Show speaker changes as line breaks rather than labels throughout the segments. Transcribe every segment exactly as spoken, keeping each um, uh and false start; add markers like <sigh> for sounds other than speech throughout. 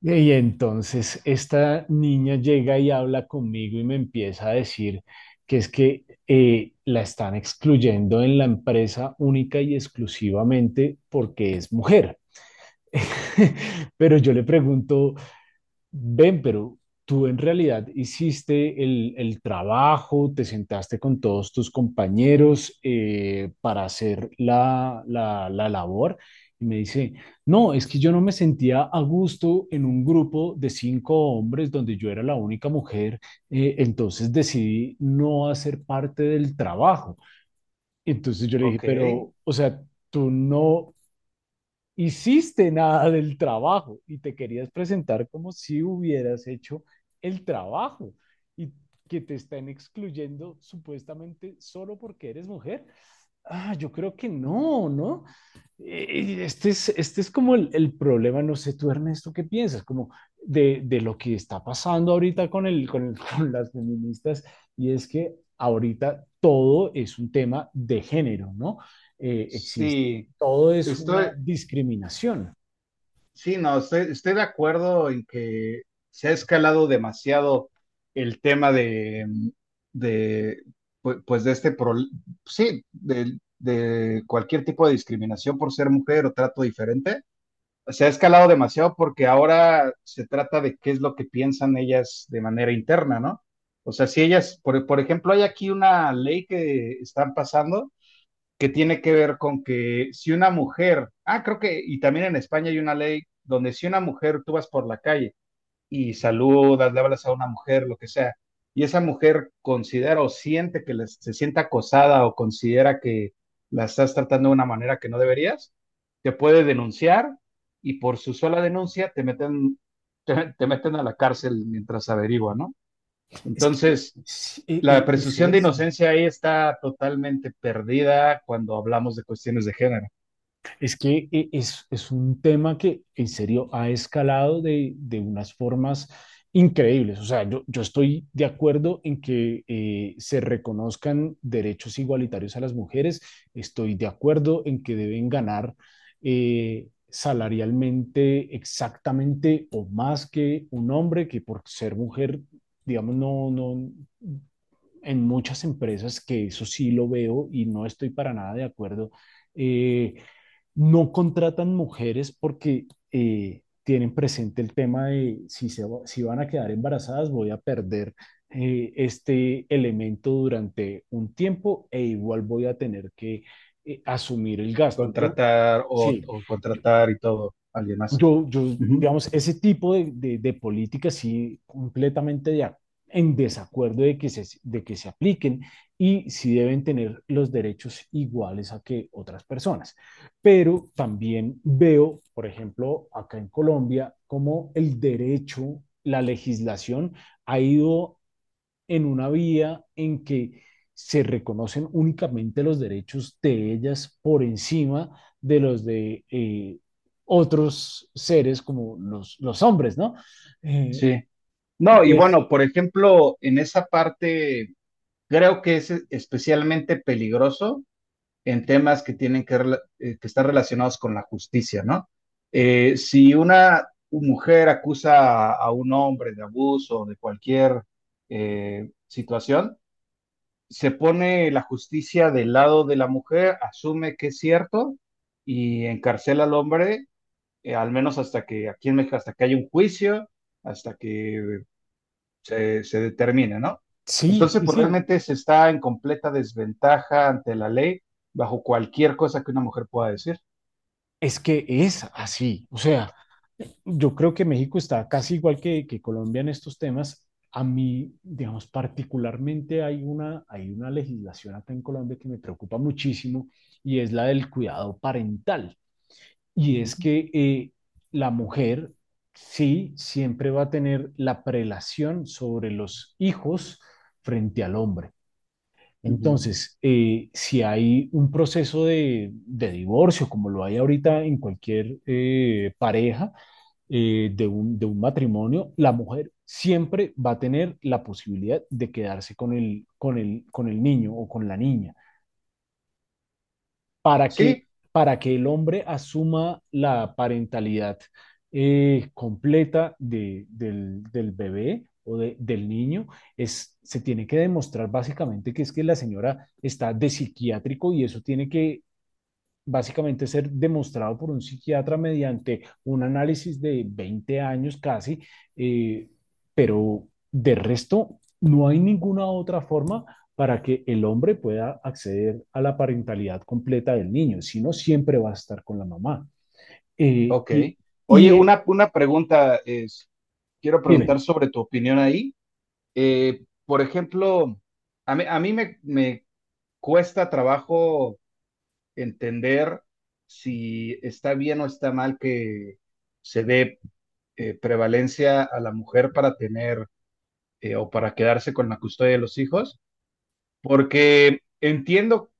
Y entonces esta niña llega y habla conmigo y me empieza a decir que es que eh, la están excluyendo en la empresa única y exclusivamente porque es mujer. <laughs> Pero yo le pregunto, ven, pero tú en realidad hiciste el, el trabajo, te sentaste con todos tus compañeros eh, para hacer la, la, la labor. Y me dice, no, es que yo no me sentía a gusto en un grupo de cinco hombres donde yo era la única mujer, eh, entonces decidí no hacer parte del trabajo. Entonces yo le dije,
Ok.
pero, o sea, tú no hiciste nada del trabajo y te querías presentar como si hubieras hecho el trabajo y que te están excluyendo supuestamente solo porque eres mujer. Ah, yo creo que no, ¿no? Eh, Este es, este es como el, el problema. No sé tú, Ernesto, ¿qué piensas? Como de, de lo que está pasando ahorita con, el, con, el- <laughs> con las feministas. Y es que ahorita todo es un tema de género, ¿no? Eh, existe,
Sí,
todo es una
estoy,
discriminación.
sí, no, estoy, estoy de acuerdo en que se ha escalado demasiado el tema de, de, pu- pues de este, pro- sí, de, de cualquier tipo de discriminación por ser mujer o trato diferente. Se ha escalado demasiado porque ahora se trata de qué es lo que piensan ellas de manera interna, ¿no? O sea, si ellas, por, por ejemplo, hay aquí una ley que están pasando que tiene que ver con que si una mujer, ah, creo que, y también en España hay una ley donde si una mujer tú vas por la calle y saludas, le hablas a una mujer, lo que sea, y esa mujer considera o siente que les- se sienta acosada o considera que la estás tratando de una manera que no deberías, te puede denunciar y por su sola denuncia te meten, te, te meten a la cárcel mientras averigua, ¿no?
Es que
Entonces,
sí, eh,
la
eh, es
presunción de
eso.
inocencia ahí está totalmente perdida cuando hablamos de cuestiones de género.
Es que eh, es, es un tema que en serio ha escalado de, de unas formas increíbles. O sea, yo, yo estoy de acuerdo en que eh, se reconozcan derechos igualitarios a las mujeres. Estoy de acuerdo en que deben ganar eh, salarialmente exactamente o más que un hombre, que por ser mujer, digamos, no, no, en muchas empresas, que eso sí lo veo y no estoy para nada de acuerdo. eh, no contratan mujeres porque eh, tienen presente el tema de si, se, va- si van a quedar embarazadas. Voy a perder eh, este elemento durante un tiempo e igual voy a tener que eh, asumir el gasto. Yo,
Contratar o,
sí,
o
yo,
contratar y todo, alguien más.
yo, yo,
Ujú.
digamos, ese tipo de, de, de políticas sí completamente de ac- en desacuerdo de que se de que se apliquen. Y sí deben tener los derechos iguales a que otras personas. Pero también veo, por ejemplo, acá en Colombia, cómo el derecho, la legislación ha ido en una vía en que se reconocen únicamente los derechos de ellas por encima de los de eh, otros seres como los, los hombres, ¿no? Eh,
Sí. No, y
y es,
bueno, por ejemplo, en esa parte creo que es especialmente peligroso en temas que tienen que, rela- eh, que estar relacionados con la justicia, ¿no? Eh, si una mujer acusa a, a un hombre de abuso o de cualquier eh, situación, se pone la justicia del lado de la mujer, asume que es cierto y encarcela al hombre, eh, al menos hasta que aquí en México, hasta que haya un juicio, hasta que se, se determine, ¿no?
sí,
Entonces,
sí,
pues
sí,
realmente se está en completa desventaja ante la ley bajo cualquier cosa que una mujer pueda decir.
es que es así. O sea, yo creo que México está casi igual que, que Colombia en estos temas. A mí, digamos, particularmente hay una, hay una legislación acá en Colombia que me preocupa muchísimo, y es la del cuidado parental. Y
Ujú,
es que eh, la mujer, sí, siempre va a tener la prelación sobre los hijos frente al hombre.
ujú.
Entonces, eh, si hay un proceso de, de divorcio, como lo hay ahorita en cualquier eh, pareja eh, de un, de un matrimonio, la mujer siempre va a tener la posibilidad de quedarse con el, con el, con el niño o con la niña, para que,
Sí,
para que el hombre asuma la parentalidad eh, completa de- del, del bebé o de- del niño. Es, se tiene que demostrar básicamente que es que la señora está de psiquiátrico, y eso tiene que básicamente ser demostrado por un psiquiatra mediante un análisis de veinte años casi. eh, pero de resto no hay ninguna otra forma para que el hombre pueda acceder a la parentalidad completa del niño, si no siempre va a estar con la mamá. Eh,
ok.
y,
Oye,
y eh,
una, una pregunta es, quiero
Dime.
preguntar sobre tu opinión ahí. Eh, por ejemplo, a mí, a mí me, me cuesta trabajo entender si está bien o está mal que se dé eh, prevalencia a la mujer para tener eh, o para quedarse con la custodia de los hijos, porque entiendo,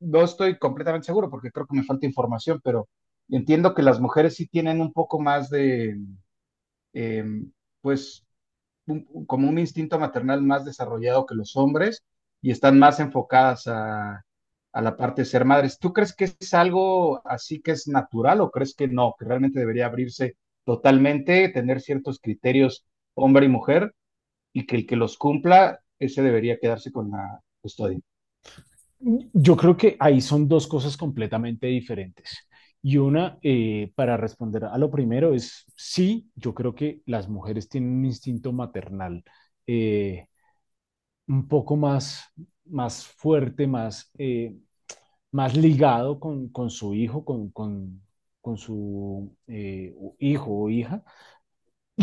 no estoy completamente seguro porque creo que me falta información, pero entiendo que las mujeres sí tienen un poco más de, eh, pues, un, como un instinto maternal más desarrollado que los hombres y están más enfocadas a, a la parte de ser madres. ¿Tú crees que es algo así que es natural o crees que no, que realmente debería abrirse totalmente, tener ciertos criterios hombre y mujer y que el que los cumpla, ese debería quedarse con la custodia?
Yo creo que ahí son dos cosas completamente diferentes. Y una, eh, para responder a lo primero, es sí, yo creo que las mujeres tienen un instinto maternal eh, un poco más, más fuerte, más, eh, más ligado con, con su hijo, con, con, con su eh, hijo o hija,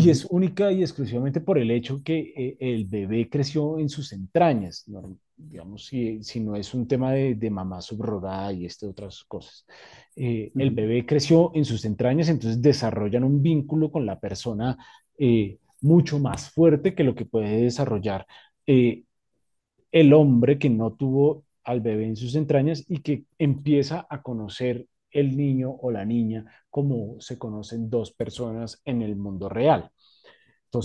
Uh -huh,
es única y exclusivamente por el hecho que eh, el bebé creció en sus entrañas, ¿no? Digamos, si, si no es un tema de, de mamá subrogada y este, otras cosas. Eh,
uh
el
-huh,
bebé creció en sus entrañas, entonces desarrollan un vínculo con la persona eh, mucho más fuerte que lo que puede desarrollar eh, el hombre que no tuvo al bebé en sus entrañas y que empieza a conocer el niño o la niña como se conocen dos personas en el mundo real.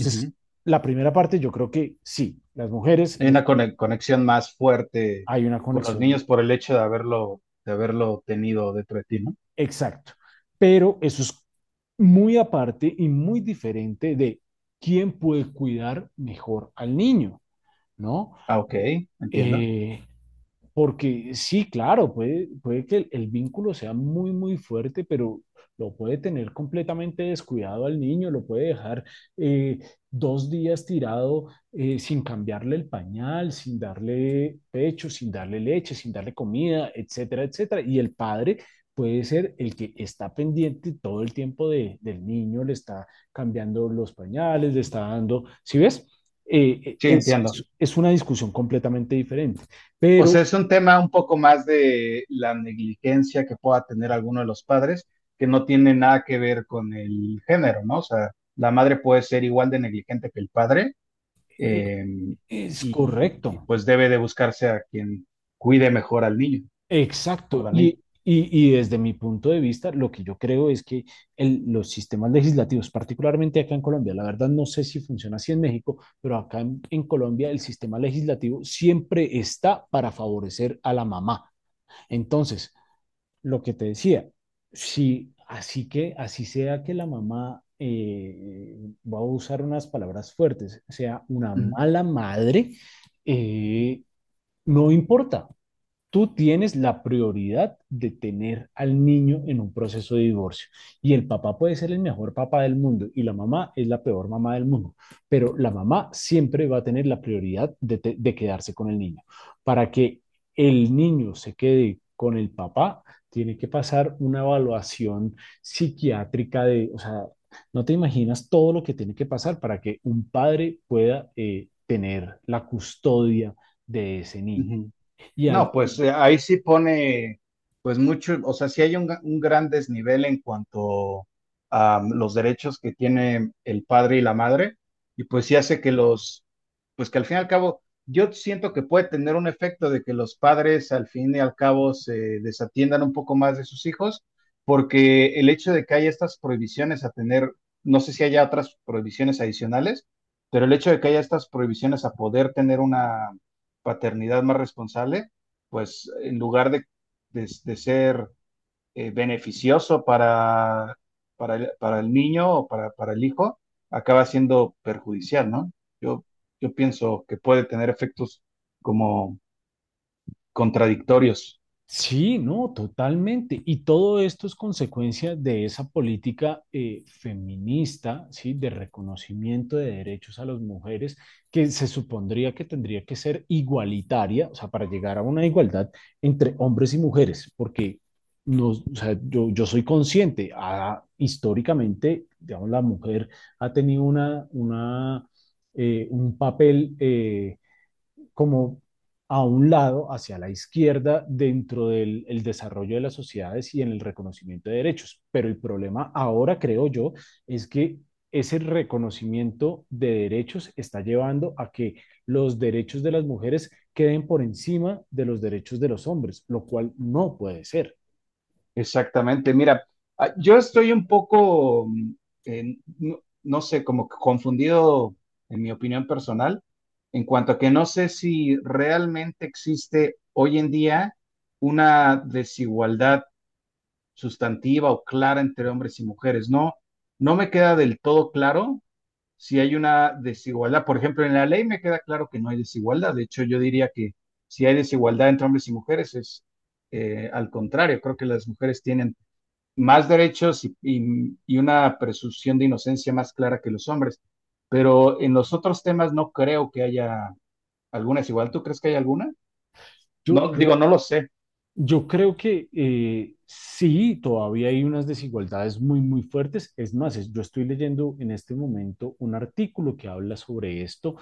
uh -huh.
la primera parte yo creo que sí, las mujeres
Hay una cone- conexión más fuerte
hay una
con los niños
conexión
por el hecho de haberlo, de haberlo tenido dentro de ti, ¿no?
exacta, pero eso es muy aparte y muy diferente de quién puede cuidar mejor al niño, ¿no?
Ah, ok,
Eh,
entiendo.
eh, Porque sí, claro, puede, puede que el, el vínculo sea muy, muy fuerte, pero lo puede tener completamente descuidado al niño. Lo puede dejar eh, dos días tirado, eh, sin cambiarle el pañal, sin darle pecho, sin darle leche, sin darle comida, etcétera, etcétera. Y el padre puede ser el que está pendiente todo el tiempo de- del niño, le está cambiando los pañales, le está dando, ¿sí ves? Eh, eh,
Sí,
es,
entiendo.
es es una discusión completamente diferente,
O
pero
sea, es un tema un poco más de la negligencia que pueda tener alguno de los padres, que no tiene nada que ver con el género, ¿no? O sea, la madre puede ser igual de negligente que el padre
E-
eh,
Es
y,
correcto,
y, pues debe de buscarse a quien cuide mejor al niño o
exacto.
la
Y,
niña.
y- y desde mi punto de vista, lo que yo creo es que el- los sistemas legislativos, particularmente acá en Colombia, la verdad no sé si funciona así en México, pero acá en, en Colombia el sistema legislativo siempre está para favorecer a la mamá. Entonces, lo que te decía, si así que, así sea que la mamá, eh, voy a usar unas palabras fuertes, sea una
Ujú,
mala madre, eh, no importa. Tú tienes la prioridad de tener al niño en un proceso de divorcio. Y el papá puede ser el mejor papá del mundo y la mamá es la peor mamá del mundo, pero la mamá siempre va a tener la prioridad de, te- de quedarse con el niño. Para que el niño se quede con el papá, tiene que pasar una evaluación psiquiátrica de, o sea, no te imaginas todo lo que tiene que pasar para que un padre pueda eh, tener la custodia de ese niño.
ujú.
Y
No,
al,
pues eh, ahí sí pone, pues mucho, o sea, sí hay un, ga- un gran desnivel en cuanto a mm, los derechos que tiene el padre y la madre, y pues sí hace que los, pues que al fin y al cabo, yo siento que puede tener un efecto de que los padres al fin y al cabo se desatiendan un poco más de sus hijos, porque el hecho de que haya estas prohibiciones a tener, no sé si haya otras prohibiciones adicionales, pero el hecho de que haya estas prohibiciones a poder tener una paternidad más responsable pues en lugar de, de- de ser eh, beneficioso para, para, el, para el niño o para, para el hijo, acaba siendo perjudicial, ¿no? Yo, yo pienso que puede tener efectos como contradictorios.
Sí, no, totalmente. Y todo esto es consecuencia de esa política eh, feminista, ¿sí? De reconocimiento de derechos a las mujeres, que se supondría que tendría que ser igualitaria, o sea, para llegar a una igualdad entre hombres y mujeres, porque nos, o sea, yo, yo soy consciente, ah, históricamente, digamos, la mujer ha tenido una, una, eh, un papel, eh, como a un lado, hacia la izquierda, dentro del el desarrollo de las sociedades y en el reconocimiento de derechos. Pero el problema ahora, creo yo, es que ese reconocimiento de derechos está llevando a que los derechos de las mujeres queden por encima de los derechos de los hombres, lo cual no puede ser.
Exactamente. Mira, ah, yo estoy un poco, mm, en- no, no sé, como que confundido en mi opinión personal, en cuanto a que no sé si realmente existe hoy en día una desigualdad sustantiva o clara entre hombres y mujeres. No, no me queda del todo claro si hay una desigualdad. Por ejemplo, en la ley me queda claro que no hay desigualdad. De hecho, yo diría que si hay desigualdad entre hombres y mujeres es eh, al contrario. Creo que las mujeres tienen más derechos y, y, y una presunción de inocencia más clara que los hombres. Pero en los otros temas no creo que haya alguna desigualdad. ¿Tú crees que hay alguna?
Yo,
No,
yo,
digo, no lo sé.
Yo creo que eh, sí, todavía hay unas desigualdades muy, muy fuertes. Es más, es- yo estoy leyendo en este momento un artículo que habla sobre esto.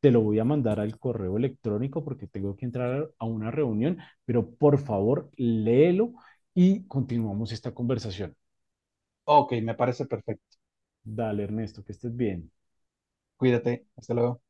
Te lo voy a mandar al correo electrónico porque tengo que entrar a una reunión, pero por favor, léelo y continuamos esta conversación.
Ok, me parece perfecto.
Dale, Ernesto, que estés bien.
Cuídate. Hasta luego.